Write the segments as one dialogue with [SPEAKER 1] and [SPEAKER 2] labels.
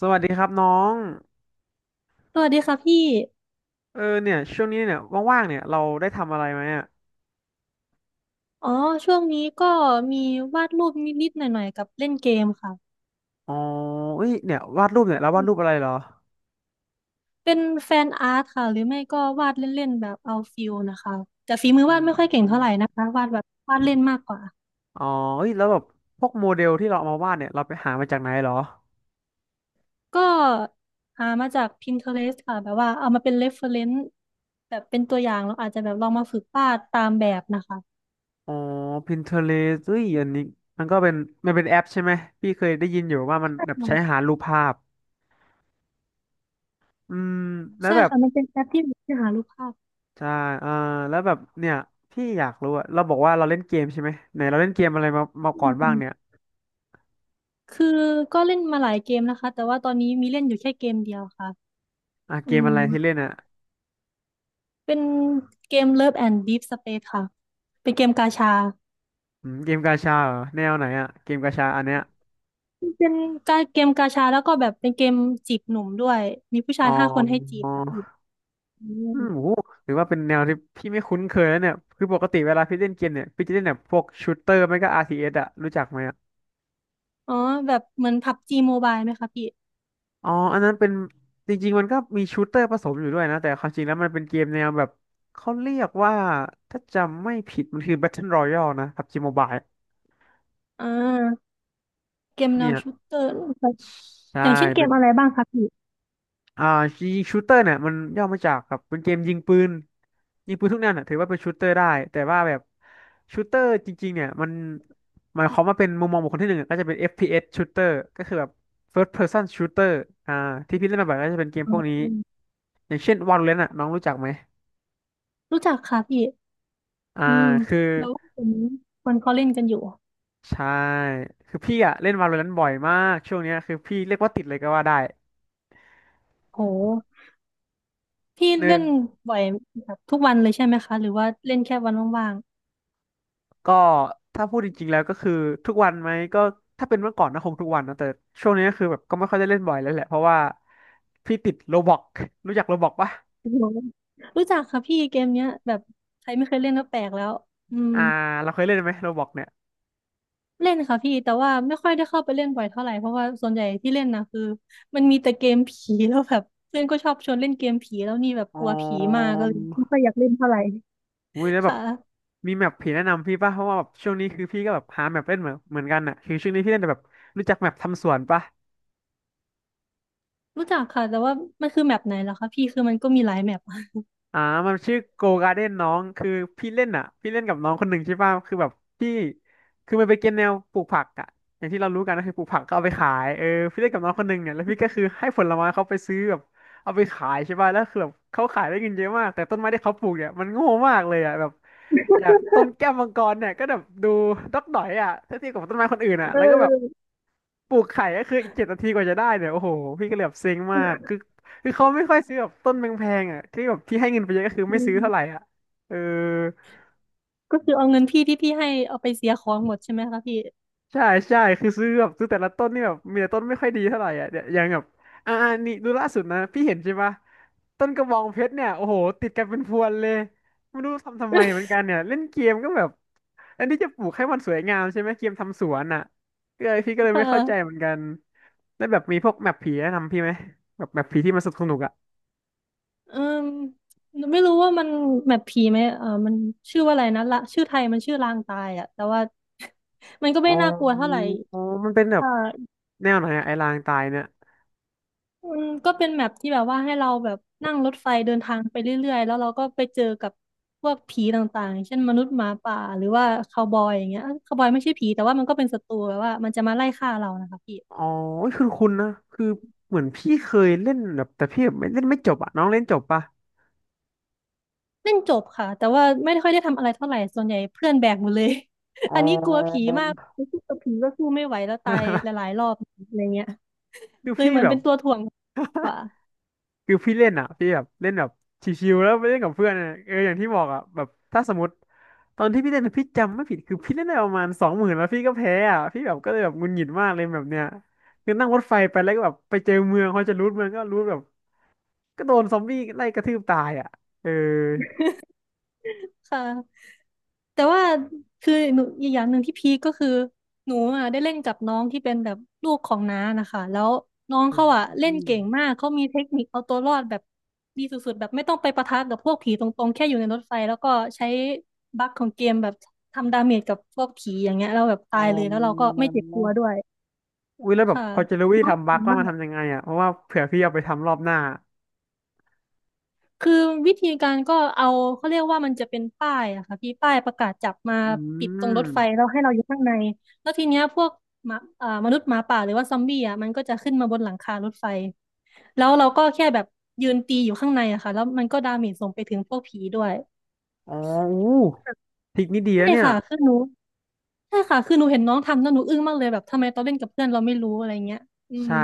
[SPEAKER 1] สวัสดีครับน้อง
[SPEAKER 2] สวัสดีค่ะพี่
[SPEAKER 1] เนี่ยช่วงนี้เนี่ยว่างๆเนี่ยเราได้ทำอะไรไหมอ่ะ
[SPEAKER 2] อ๋อช่วงนี้ก็มีวาดรูปนิดๆหน่อยๆกับเล่นเกมค่ะ
[SPEAKER 1] อ๋อเอ้ยเนี่ยวาดรูปเนี่ยเราวาดรูปอะไรเหรอ
[SPEAKER 2] เป็นแฟนอาร์ตค่ะหรือไม่ก็วาดเล่นๆแบบเอาฟิลนะคะแต่ฝีมือ
[SPEAKER 1] อื
[SPEAKER 2] วาดไม่ค่อยเก่งเท่าไหร่นะ
[SPEAKER 1] ม
[SPEAKER 2] คะวาดแบบวาดเล่นมากกว่า
[SPEAKER 1] อ๋อเอ้ยแล้วแบบพวกโมเดลที่เราเอามาวาดเนี่ยเราไปหามาจากไหนเหรอ
[SPEAKER 2] ก็หามาจาก Pinterest ค่ะแบบว่าเอามาเป็น reference แบบเป็นตัวอย่างแล้วอาจจะแบบลองมาฝึกวาดตามแบบนะคะ
[SPEAKER 1] อ๋อ Pinterest เอ้ยอันนี้มันก็เป็นมันเป็นแอปใช่ไหมพี่เคยได้ยินอยู่ว่ามันแบบ
[SPEAKER 2] อื
[SPEAKER 1] ใช้
[SPEAKER 2] ม
[SPEAKER 1] หารูปภาพอืมแล้ว
[SPEAKER 2] ใช่
[SPEAKER 1] แบบ
[SPEAKER 2] ค่ะ มันเป็นแอปที่หารูปภาพ
[SPEAKER 1] ใช่เออแล้วแบบเนี่ยพี่อยากรู้อะเราบอกว่าเราเล่นเกมใช่ไหมไหนเราเล่นเกมอะไรมา
[SPEAKER 2] อื
[SPEAKER 1] ก่อนบ้างเนี่ย
[SPEAKER 2] มคือก็เล่นมาหลายเกมนะคะแต่ว่าตอนนี้มีเล่นอยู่แค่เกมเดียวค่ะ
[SPEAKER 1] อ่ะเก
[SPEAKER 2] อื
[SPEAKER 1] มอะ
[SPEAKER 2] ม
[SPEAKER 1] ไรที่เล่นอะ
[SPEAKER 2] เป็นเกม Love and Deep Space ค่ะ เป็นเกมกาชา
[SPEAKER 1] อืมเกมกาชาเหรอแนวไหนอะเกมกาชาอันเนี้ย
[SPEAKER 2] เป็นเกมกาชาแล้วก็แบบเป็นเกมจีบหนุ่มด้วย มีผู้
[SPEAKER 1] อ๋
[SPEAKER 2] ชา
[SPEAKER 1] อ
[SPEAKER 2] ย5 คนให้จีบอื
[SPEAKER 1] อื
[SPEAKER 2] ม
[SPEAKER 1] มโหหรือว่าเป็นแนวที่พี่ไม่คุ้นเคยแล้วเนี่ยคือปกติเวลาพี่เล่นเกมเนี่ยพี่จะเล่นแบบพวกชูตเตอร์ไม่ก็ RTS อสอะรู้จักไหมอะ
[SPEAKER 2] อ๋อแบบเหมือนพับจีโมบายไหมคะพี่
[SPEAKER 1] อ๋ออันนั้นเป็นจริงๆมันก็มีชูตเตอร์ผสมอยู่ด้วยนะแต่ความจริงแล้วมันเป็นเกมแนวแบบเขาเรียกว่าถ้าจำไม่ผิดมันคือ Battle Royale นะ PUBG Mobile
[SPEAKER 2] อ่าเกมแน
[SPEAKER 1] เนี่
[SPEAKER 2] ว
[SPEAKER 1] ย
[SPEAKER 2] ชูตเตอร์
[SPEAKER 1] ใช่
[SPEAKER 2] อย่างเช่นเก
[SPEAKER 1] เป็น
[SPEAKER 2] มอะไรบ้างคะพี่
[SPEAKER 1] อ่ายิงชูเตอร์เนี่ยมันย่อมาจากแบบเป็นเกมยิงปืนยิงปืนทุกแนวเนี่ยถือว่าเป็นชูเตอร์ได้แต่ว่าแบบชูเตอร์จริงๆเนี่ยมันหมายความว่าเป็นมุมมองบุคคลที่หนึ่งอะก็จะเป็น FPS shooter ก็คือแบบ first person shooter อ่าที่พี่เล่นมาบ่อยก็จะเป็นเกมพวกนี้
[SPEAKER 2] อืม
[SPEAKER 1] อย่างเช่น Valorant อะน้องรู้จักไหม
[SPEAKER 2] รู้จักค่ะพี่
[SPEAKER 1] อ่า
[SPEAKER 2] อืม
[SPEAKER 1] คือ
[SPEAKER 2] แล้วคนเขาเล่นกันอยู่
[SPEAKER 1] ใช่คือพี่อะเล่น Valorant บ่อยมากช่วงเนี้ยคือพี่เรียกว่าติดเลยก็ว่าได้
[SPEAKER 2] โห พี่
[SPEAKER 1] เนิ
[SPEAKER 2] เล่
[SPEAKER 1] น
[SPEAKER 2] นบ่อยแบบทุกวันเลยใช่ไหมคะ หรือว่าเล่นแค่วันว่าง
[SPEAKER 1] ก็ถ้าพูดจริงๆแล้วก็คือทุกวันไหมก็ถ้าเป็นเมื่อก่อนนะคงทุกวันนะแต่ช่วงนี้ก็คือแบบก็ไม่ค่อยได้เล่นบ่อยแล้วแหละเพราะว่าพี่ติดโรบล็อกรู้จักโรบล็อกปะ
[SPEAKER 2] โอ้โหรู้จักค่ะพี่เกมเนี้ยแบบใครไม่เคยเล่นก็แปลกแล้วอืม
[SPEAKER 1] อ่าเราเคยเล่นไหมโรบล็อกเนี่ย
[SPEAKER 2] เล่นค่ะพี่แต่ว่าไม่ค่อยได้เข้าไปเล่นบ่อยเท่าไหร่เพราะว่าส่วนใหญ่ที่เล่นนะคือมันมีแต่เกมผีแล้วแบบเพื่อนก็ชอบชวนเล่นเกมผีแล้วนี่แบบ
[SPEAKER 1] อ๋อ
[SPEAKER 2] กลัวผีมากก็เลยไม่ค่อยอยากเล่นเท่าไหร่
[SPEAKER 1] อุ้ยแล้ว
[SPEAKER 2] ค
[SPEAKER 1] แบบ
[SPEAKER 2] ่ะ
[SPEAKER 1] มีแมปผีแนะนำพี่ปะเพราะว่าแบบช่วงนี้คือพี่ก็แบบหาแมปเล่นเหมือนกันอ่ะคือช่วงนี้พี่เล่นแต่แบบรู้จักแมปทำสวนปะ
[SPEAKER 2] รู้จักค่ะแต่ว่ามันคือแมปไหนเหรอคะพี่คือมันก็มีหลายแมปอะ
[SPEAKER 1] อ่ามันชื่อโกกา r d เด้นน้องคือพี่เล่นอ่ะพี่เล่นกับน้องคนหนึ่งใช่ป่ะคือแบบพี่คือมันไปเก็นแนวปลูกผักอ่ะอย่างที่เรารู้กันก็คือปลูกผักก็เอาไปขายเออพี่เล่นกับน้องคนหนึ่งเนี่ยแล้วพี่ก็คือให้ผลไม้เขาไปซื้อแบบเอาไปขายใช่ป่ะแล้วคือแบบเขาขายได้เงินเยอะมากแต่ต้นไม้ที่เขาปลูกเนี่ยมันโง่มากเลยอ่ะแบบอยากต้นแก้วมังกรเนี่ยก็แบบดูดอกดอยอ่ะถ้าเทียบกับต้นไม้คนอื่น
[SPEAKER 2] เ
[SPEAKER 1] อ่ะแล้วก็แบบ
[SPEAKER 2] ออ
[SPEAKER 1] ปลูกไข่ก็คืออีกเจ็ดนาทีกว่าจะได้เนี่ยโอ้โหพี่ก็เลยแบบเซ็งมากคือเขาไม่ค่อยซื้อแบบต้นแพงๆอ่ะที่แบบที่ให้เงินไปเยอะก็คือ
[SPEAKER 2] อื
[SPEAKER 1] ไม่ซื้อเท่าไหร่
[SPEAKER 2] ม
[SPEAKER 1] อ่ะเออ
[SPEAKER 2] ก็คือเอาเงินพี่ที่พี่ให้เอาไปเสียของหมดใช่ไหมคะพี่
[SPEAKER 1] ใช่ใช่คือซื้อแบบซื้อแต่ละต้นนี่แบบมีแต่ต้นไม่ค่อยดีเท่าไหร่อ่ะเนี่ยอย่างแบบอ่าอ่านี่ดูล่าสุดนะพี่เห็นใช่ปะต้นกระบองเพชรเนี่ยโอ้โหติดกันเป็นพวนเลยไม่รู้ทำไมเหมือนกันเนี่ยเล่นเกมก็แบบอันนี้จะปลูกให้มันสวยงามใช่ไหมเกมทำสวนอ่ะก็เลยพี่ก็เล ยไม่
[SPEAKER 2] ค่ะ
[SPEAKER 1] เข้าใจเหมือนกันแล้วแบบมีพวกแมปผีแนะนำพี่ไหมแบบแมปผีที่มันสนุกอ่ะ
[SPEAKER 2] เอมไม่รู้ว่ามันแมปผีไหมเออมันชื่อว่าอะไรนะละชื่อไทยมันชื่อลางตายอะแต่ว่า มันก็
[SPEAKER 1] อ๋อ
[SPEAKER 2] ไม่น่ากลัวเท่าไหร่
[SPEAKER 1] อ๋อมันเป็นแบบ
[SPEAKER 2] ค่ะ
[SPEAKER 1] แนวไหนอะไอ้ลางตายเนี่ย
[SPEAKER 2] มันก็เป็นแมปที่แบบว่าให้เราแบบนั่งรถไฟเดินทางไปเรื่อยๆแล้วเราก็ไปเจอกับพวกผีต่างๆเช่นมนุษย์หมาป่าหรือว่าคาวบอยอย่างเงี้ยคาวบอยไม่ใช่ผีแต่ว่ามันก็เป็นศัตรูแบบว่ามันจะมาไล่ฆ่าเรานะคะพี่
[SPEAKER 1] อ๋อคือคุณนะคือเหมือนพี่เคยเล่นแบบแต่พี่แบบไม่เล่นไม่จบอ่ะน้องเล่นจบปะ
[SPEAKER 2] เล่นจบค่ะแต่ว่าไม่ค่อยได้ทำอะไรเท่าไหร่ส่วนใหญ่เพื่อนแบกหมดเลย
[SPEAKER 1] อ๋
[SPEAKER 2] อันนี้กลัวผี
[SPEAKER 1] อ
[SPEAKER 2] มากไปสู้กับผีก็สู้ไม่ไหวแล้วตายหลา ยๆรอบอะไรเงี้ย
[SPEAKER 1] คือ
[SPEAKER 2] เลย
[SPEAKER 1] พี่
[SPEAKER 2] เหมือ
[SPEAKER 1] แบ
[SPEAKER 2] นเป็
[SPEAKER 1] บ
[SPEAKER 2] นตัวถ่วงกว่า
[SPEAKER 1] คือพี่เล่นอ่ะพี่แบบเล่นแบบชิวๆแล้วไปเล่นกับเพื่อนอะเอออย่างที่บอกอ่ะแบบถ้าสมมติตอนที่พี่เล่นอะพี่จำไม่ผิดคือพี่เล่นได้ประมาณสองหมื่นแล้วพี่ก็แพ้อ่ะพี่แบบก็เลยแบบหงุนหงิดมากเลยแบบเนี้ยคือนั่งรถไฟไปแล้วก็แบบไปเจอเมืองพอจะรูดเมืองก็รูดแบบก็โดนซอมบี้ไล่กระทืบตายอ่ะเออ
[SPEAKER 2] ค่ะ แต่ว่าคือหนูอีกอย่างหนึ่งที่พีคก็คือหนูอ่ะได้เล่นกับน้องที่เป็นแบบลูกของน้านะคะแล้วน้องเขาอ่ะเล่
[SPEAKER 1] อื
[SPEAKER 2] น
[SPEAKER 1] ม
[SPEAKER 2] เก่งมากเขามีเทคนิคเอาตัวรอดแบบดีสุดๆแบบไม่ต้องไปปะทะกับพวกผีตรงๆแค่อยู่ในรถไฟแล้วก็ใช้บั๊กของเกมแบบทำดาเมจกับพวกผีอย่างเงี้ยเราแล้วแบบ
[SPEAKER 1] อ๋
[SPEAKER 2] ตา
[SPEAKER 1] อ
[SPEAKER 2] ยเลยแล้วเราก็ไม่เจ็บตัวด้วย
[SPEAKER 1] อุ้ยแล้วแบบ
[SPEAKER 2] ค่ะ
[SPEAKER 1] พอจะรู้วิธีทำบั๊
[SPEAKER 2] ดี
[SPEAKER 1] กว่า
[SPEAKER 2] มา
[SPEAKER 1] มันทำ
[SPEAKER 2] ก
[SPEAKER 1] ยังไงอ่ะเพราะว่าเผื่อพี่เอาไปทำรอบหน้า
[SPEAKER 2] คือวิธีการก็เอาเขาเรียกว่ามันจะเป็นป้ายอะค่ะพี่ป้ายประกาศจับมา
[SPEAKER 1] อื
[SPEAKER 2] ปิดตรงรถไฟ
[SPEAKER 1] ม
[SPEAKER 2] แล้วให้เราอยู่ข้างในแล้วทีเนี้ยพวกหมาอ่อมนุษย์หมาป่าหรือว่าซอมบี้อะมันก็จะขึ้นมาบนหลังคารถไฟแล้วเราก็แค่แบบยืนตีอยู่ข้างในอะค่ะแล้วมันก็ดาเมจส่งไปถึงพวกผีด้วย
[SPEAKER 1] อ๋ออู้ทริกนี้ดี
[SPEAKER 2] ใช่
[SPEAKER 1] นะเนี่ย
[SPEAKER 2] ค่ะคือหนูใช่ค่ะคือหนูเห็นน้องทำแล้วหนูอึ้งมากเลยแบบทำไมตอนเล่นกับเพื่อนเราไม่รู้อะไรเงี้ยอืม
[SPEAKER 1] ใช่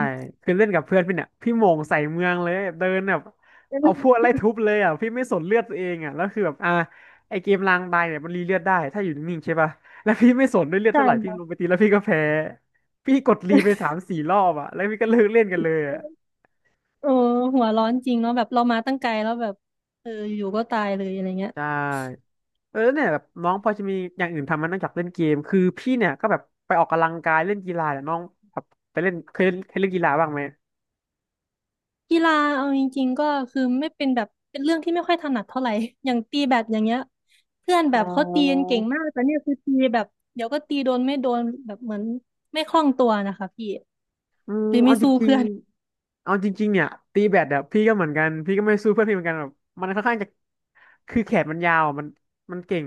[SPEAKER 1] คือเล่นกับเพื่อนพี่เนี่ยพี่โหม่งใส่เมืองเลยเดินแบบเอาพวก ไล่ทุบเลยอ่ะพี่ไม่สนเลือดตัวเองอ่ะแล้วคือแบบไอเกมรางบายเนี่ยมันรีเลือดได้ถ้าอยู่นิ่งๆใช่ป่ะ แล้วพี่ไม่สนด้วยเลือด
[SPEAKER 2] ใช่
[SPEAKER 1] เท่าไหร่พี่
[SPEAKER 2] ค่ะ
[SPEAKER 1] ลงไปตีแล้วพี่ก็แพ้พี่กดรีไป3-4รอบอ่ะแล้วพี่ก็เลิกเล่นกันเลยอ่ะ
[SPEAKER 2] โอ้หัวร้อนจริงเนาะแบบเรามาตั้งไกลแล้วแบบเอออยู่ก็ตายเลยอะไรเงี้ย
[SPEAKER 1] ใช่ เออเนี่ยแบบน้องพอจะมีอย่างอื่นทำไหมันนอกจากเล่นเกมคือพี่เนี่ยก็แบบไปออกกำลังกายเล่นกีฬาเนี่ยน้องแบบไปเล่นเคยเล่นกีฬาบ้างไหม
[SPEAKER 2] กีฬาเอาจริงๆก็คือไม่เป็นแบบเป็นเรื่องที่ไม่ค่อยถนัดเท่าไหร่ อย่างตีแบดอย่างเงี้ยเพื่อนแบ
[SPEAKER 1] อ๋อ
[SPEAKER 2] บเขาตีกันเก่งมากแต่เนี่ยคือตีแบบเดี๋ยวก็ตีโดนไม่โดนแบบเหมือนไม่คล่องตัวนะคะพี่
[SPEAKER 1] อืม
[SPEAKER 2] หรือ
[SPEAKER 1] เอา
[SPEAKER 2] ไม่
[SPEAKER 1] จ
[SPEAKER 2] สู้
[SPEAKER 1] ริง
[SPEAKER 2] เพื่อน
[SPEAKER 1] ๆเอาจริงๆเนี่ยตีแบดอะพี่ก็เหมือนกันพี่ก็ไม่สู้เพื่อนพี่เหมือนกันแบบมันค่อนข้างจะคือแขนมันยาวอะมันเก่ง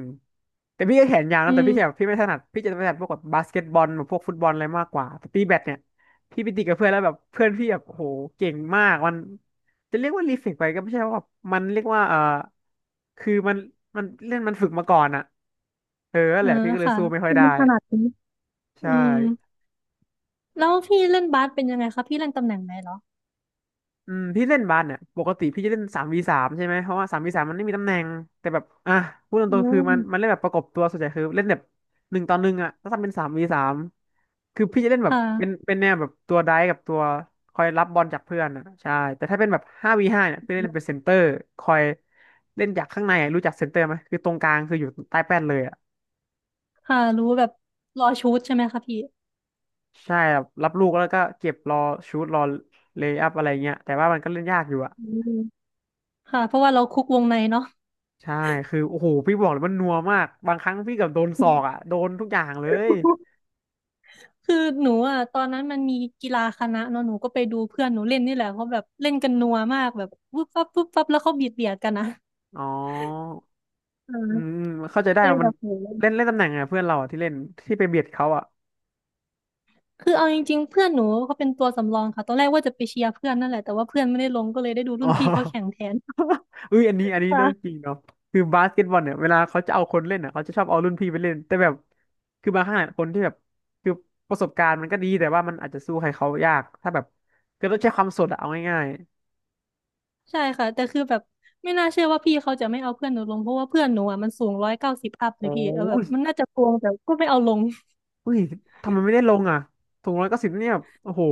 [SPEAKER 1] แต่พี่ก็แขนยาว
[SPEAKER 2] อื
[SPEAKER 1] นะแต่
[SPEAKER 2] ม
[SPEAKER 1] พี่แขนพี่ไม่ถนัดพี่จะถนัดพวกแบบบาสเกตบอลหรือพวกฟุตบอลอะไรมากกว่าแต่ตีแบดเนี่ยพี่ไปตีกับเพื่อนแล้วแบบเพื่อนพี่แบบโอ้โหเก่งมากมันจะเรียกว่ารีเฟกไปก็ไม่ใช่ว่าแบบมันเรียกว่าเออคือมันเล่นมันฝึกมาก่อนอะเออนั่นแห
[SPEAKER 2] อ่า
[SPEAKER 1] ละพี่ก็เลย
[SPEAKER 2] ค่ะ
[SPEAKER 1] สู้ไม่ค่อย
[SPEAKER 2] คือ
[SPEAKER 1] ได้
[SPEAKER 2] มันถนัดนี้อื
[SPEAKER 1] ใช่
[SPEAKER 2] มแล้วพี่เล่นบาสเป็นยังไงคะพี่เล่นตำแหน่งไหนเหรอ
[SPEAKER 1] อืมพี่เล่นบาสเนี่ยปกติพี่จะเล่นสามวีสามใช่ไหมเพราะว่าสามวีสามมันไม่มีตำแหน่งแต่แบบอ่ะพูดต
[SPEAKER 2] อื
[SPEAKER 1] รงๆคือมันเล่
[SPEAKER 2] ม
[SPEAKER 1] นแบบประกบตัวส่วนใหญ่คือเล่นแบบ1 ต่อ 1อ่ะถ้าทำเป็นสามวีสามคือพี่จะเล่นแบบเป็น
[SPEAKER 2] ค่ะ
[SPEAKER 1] เป็นแนวแบบตัวไดฟ์กับตัวคอยรับบอลจากเพื่อนอ่ะใช่แต่ถ้าเป็นแบบ5v5เนี่ยพี่เล่นเป็นเซนเตอร์คอยเล่นจากข้างในอะรู้จักเซนเตอร์ไหมคือตรงกลางคืออยู่ใต้แป้นเลยอ่ะ
[SPEAKER 2] ค่ะรู้แบบรอชูตใช่ไหมคะพี่
[SPEAKER 1] ใช่ครับรับลูกแล้วก็เก็บรอชูตรอเลย์อัพอะไรเงี้ยแต่ว่ามันก็เล่นยากอยู่อะ
[SPEAKER 2] อืมค่ะเพราะว่าเราคุกวงในเนาะ
[SPEAKER 1] ใช่คือโอ้โหพี่บอกเลยมันนัวมากบางครั้งพี่เกับโดนศอกอ่ะโดนทุกอย่างเลย
[SPEAKER 2] คือหนูอ่ะตอนนั้นมันมีกีฬาคณะเนาะหนูก็ไปดูเพื่อนหนูเล่นนี่แหละเขาแบบเล่นกันนัวมากแบบปุ๊บปั๊บปุ๊บปั๊บแล้วเขาเบียดเบียดกันนะ
[SPEAKER 1] อ๋อ
[SPEAKER 2] อ่
[SPEAKER 1] อืม
[SPEAKER 2] า
[SPEAKER 1] อืมเข้าใจได้
[SPEAKER 2] เอ้ย
[SPEAKER 1] ว่า
[SPEAKER 2] แบ
[SPEAKER 1] มัน
[SPEAKER 2] บโห
[SPEAKER 1] เล่นเล่นตำแหน่งไงเพื่อนเราอ่ะที่เล่นที่ไปเบียดเขาอ่ะ
[SPEAKER 2] คือเอาจริงๆเพื่อนหนูเขาเป็นตัวสำรองค่ะตอนแรกว่าจะไปเชียร์เพื่อนนั่นแหละแต่ว่าเพื่อนไม่ได้ลงก็เลยได้ดู
[SPEAKER 1] อ๋
[SPEAKER 2] รุ่
[SPEAKER 1] อ
[SPEAKER 2] นพี่เขาแข่งแทน
[SPEAKER 1] อุ้ยอันนี้เรื่องจ
[SPEAKER 2] ค่ะ
[SPEAKER 1] ริงเนาะคือบาสเกตบอลเนี่ยเวลาเขาจะเอาคนเล่นอ่ะเขาจะชอบเอารุ่นพี่ไปเล่นแต่แบบคือบางครั้งอะคนที่แบบคือประสบการณ์มันก็ดีแต่ว่ามันอาจจะสู้ใครเขายากถ้าแบบคือต้องใช้ความสดอะเอาง่าย
[SPEAKER 2] ใช่ค่ะแต่คือแบบไม่น่าเชื่อว่าพี่เขาจะไม่เอาเพื่อนหนูลงเพราะว่าเพื่อนหนูอ่ะมันสูง190อัพ
[SPEAKER 1] ๆ
[SPEAKER 2] เลย
[SPEAKER 1] โอ้
[SPEAKER 2] พี่เออแบบมันน่าจะโกงแต่ก็ไม่เอาลง
[SPEAKER 1] อุ้ยทำไมไม่ได้ลงอ่ะสูงร้อยเก้าสิบเนี่ยโอ้โห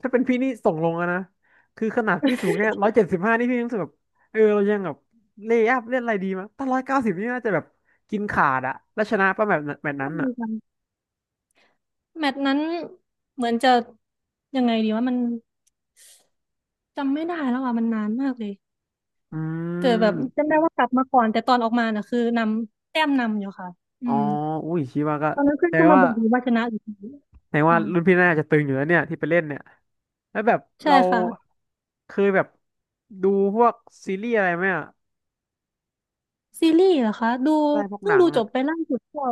[SPEAKER 1] ถ้าเป็นพี่นี่ส่งลงอะนะคือขนาดพี่สูงแค่175นี่พี่ยังรู้สึกแบบเออเรายังแบบเลย์อัพเล่นอะไรดีมั้งถ้าร้อยเก้าสิบนี่น่าจะแบบกินขาดอะแล้วชนะป่ะแบบนั้นแบบนั้
[SPEAKER 2] ใช่
[SPEAKER 1] นอะ
[SPEAKER 2] ค่ะแมตช์นั้นเหมือนจะยังไงดีว่ามัน จำไม่ได้แล้วอ่ะมันนานมากเลย
[SPEAKER 1] อื
[SPEAKER 2] แต่แบบจำ
[SPEAKER 1] ม
[SPEAKER 2] ได้ว่ากลับมาก่อนแต่ตอนออกมาน่ะคือนำแต้มอยู่ค่ะอื
[SPEAKER 1] อ๋อ
[SPEAKER 2] ม
[SPEAKER 1] อุ้ยชิว่าก็
[SPEAKER 2] ตอนนั้นเพื่อ
[SPEAKER 1] แป
[SPEAKER 2] น
[SPEAKER 1] ล
[SPEAKER 2] ก็มา
[SPEAKER 1] ว่า
[SPEAKER 2] บอกอยู่ว่าชนะอยู่ดี
[SPEAKER 1] แปลว่า
[SPEAKER 2] ค่ะ
[SPEAKER 1] รุ่นพี่น่าจะตึงอยู่แล้วเนี่ยที่ไปเล่นเนี่ยแล้วแบบ
[SPEAKER 2] ใช่
[SPEAKER 1] เรา
[SPEAKER 2] ค่ะ
[SPEAKER 1] เคยแบบดูพวกซีรีส์อะไรไหมอะ
[SPEAKER 2] ซีรีส์เหรอคะดู
[SPEAKER 1] ได้พวก
[SPEAKER 2] เพิ่
[SPEAKER 1] ห
[SPEAKER 2] ง
[SPEAKER 1] นัง
[SPEAKER 2] ดูจ
[SPEAKER 1] อะ
[SPEAKER 2] บไปล่าสุดก็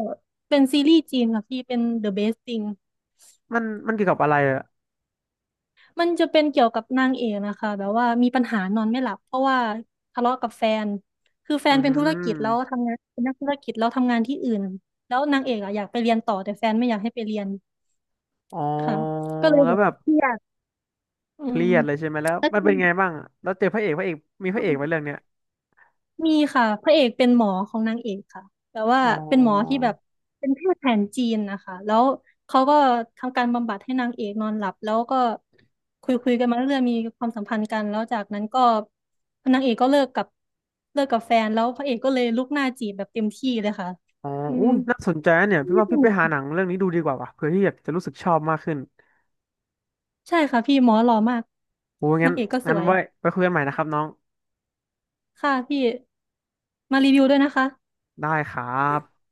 [SPEAKER 2] เป็นซีรีส์จีนค่ะพี่เป็น The Best Thing
[SPEAKER 1] มันมันเกี่ยวกับอะไรอะ
[SPEAKER 2] มันจะเป็นเกี่ยวกับนางเอกนะคะแบบว่ามีปัญหานอนไม่หลับเพราะว่าทะเลาะกับแฟนคือแฟ
[SPEAKER 1] อื
[SPEAKER 2] นเป็นธุรกิจ
[SPEAKER 1] ม
[SPEAKER 2] แล้วทำงานเป็นนักธุรกิจแล้วทำงานที่อื่นแล้วนางเอกอะอยากไปเรียนต่อแต่แฟนไม่อยากให้ไปเรียน
[SPEAKER 1] อ๋อ
[SPEAKER 2] ค่ะก็เลย
[SPEAKER 1] แล้
[SPEAKER 2] แบ
[SPEAKER 1] ว
[SPEAKER 2] บ
[SPEAKER 1] แบบ
[SPEAKER 2] เครียด อื
[SPEAKER 1] เค
[SPEAKER 2] ม
[SPEAKER 1] รียดเลยใช่ไหมแล้ว
[SPEAKER 2] แล้วจ
[SPEAKER 1] มัน
[SPEAKER 2] ริ
[SPEAKER 1] เป็
[SPEAKER 2] ง
[SPEAKER 1] นไงบ้างอะแล้วเจอพระเอกมีพระเอกไหมเรื่องเนี้ย
[SPEAKER 2] มีค่ะพระเอกเป็นหมอของนางเอกค่ะแต่ว่า
[SPEAKER 1] อ๋อ
[SPEAKER 2] เป็นหมอที่แบบเป็นแพทย์แผนจีนนะคะแล้วเขาก็ทำการบำบัดให้นางเอกนอนหลับแล้วก็คุยคุยกันมาเรื่อยๆมีความสัมพันธ์กันแล้วจากนั้นก็นางเอกก็เลิกกับแฟนแล้วพระเอกก็เลยลุกหน้าจีบแบบเต็มที่เลยค่ะ
[SPEAKER 1] อ๋อ
[SPEAKER 2] อื
[SPEAKER 1] อุ้
[SPEAKER 2] ม
[SPEAKER 1] ยน่าสนใจนะเนี่ยพี่
[SPEAKER 2] นี่
[SPEAKER 1] ว่า
[SPEAKER 2] ส
[SPEAKER 1] พี่ไป
[SPEAKER 2] นุก
[SPEAKER 1] หาหนังเรื่องนี้ดูดีกว่าว่ะเผื่อที่อยากจะรู้สึกชอบมากขึ้น
[SPEAKER 2] ใช่ค่ะพี่หมอหล่อมาก
[SPEAKER 1] โอ้ยงั้
[SPEAKER 2] นา
[SPEAKER 1] น
[SPEAKER 2] งเอกก็ส
[SPEAKER 1] งั้น
[SPEAKER 2] วย
[SPEAKER 1] ไว้ไปคุยกันใหม่นะครับน้อง
[SPEAKER 2] ค่ะพี่มารีวิวด้วยนะคะ
[SPEAKER 1] ได้ครับ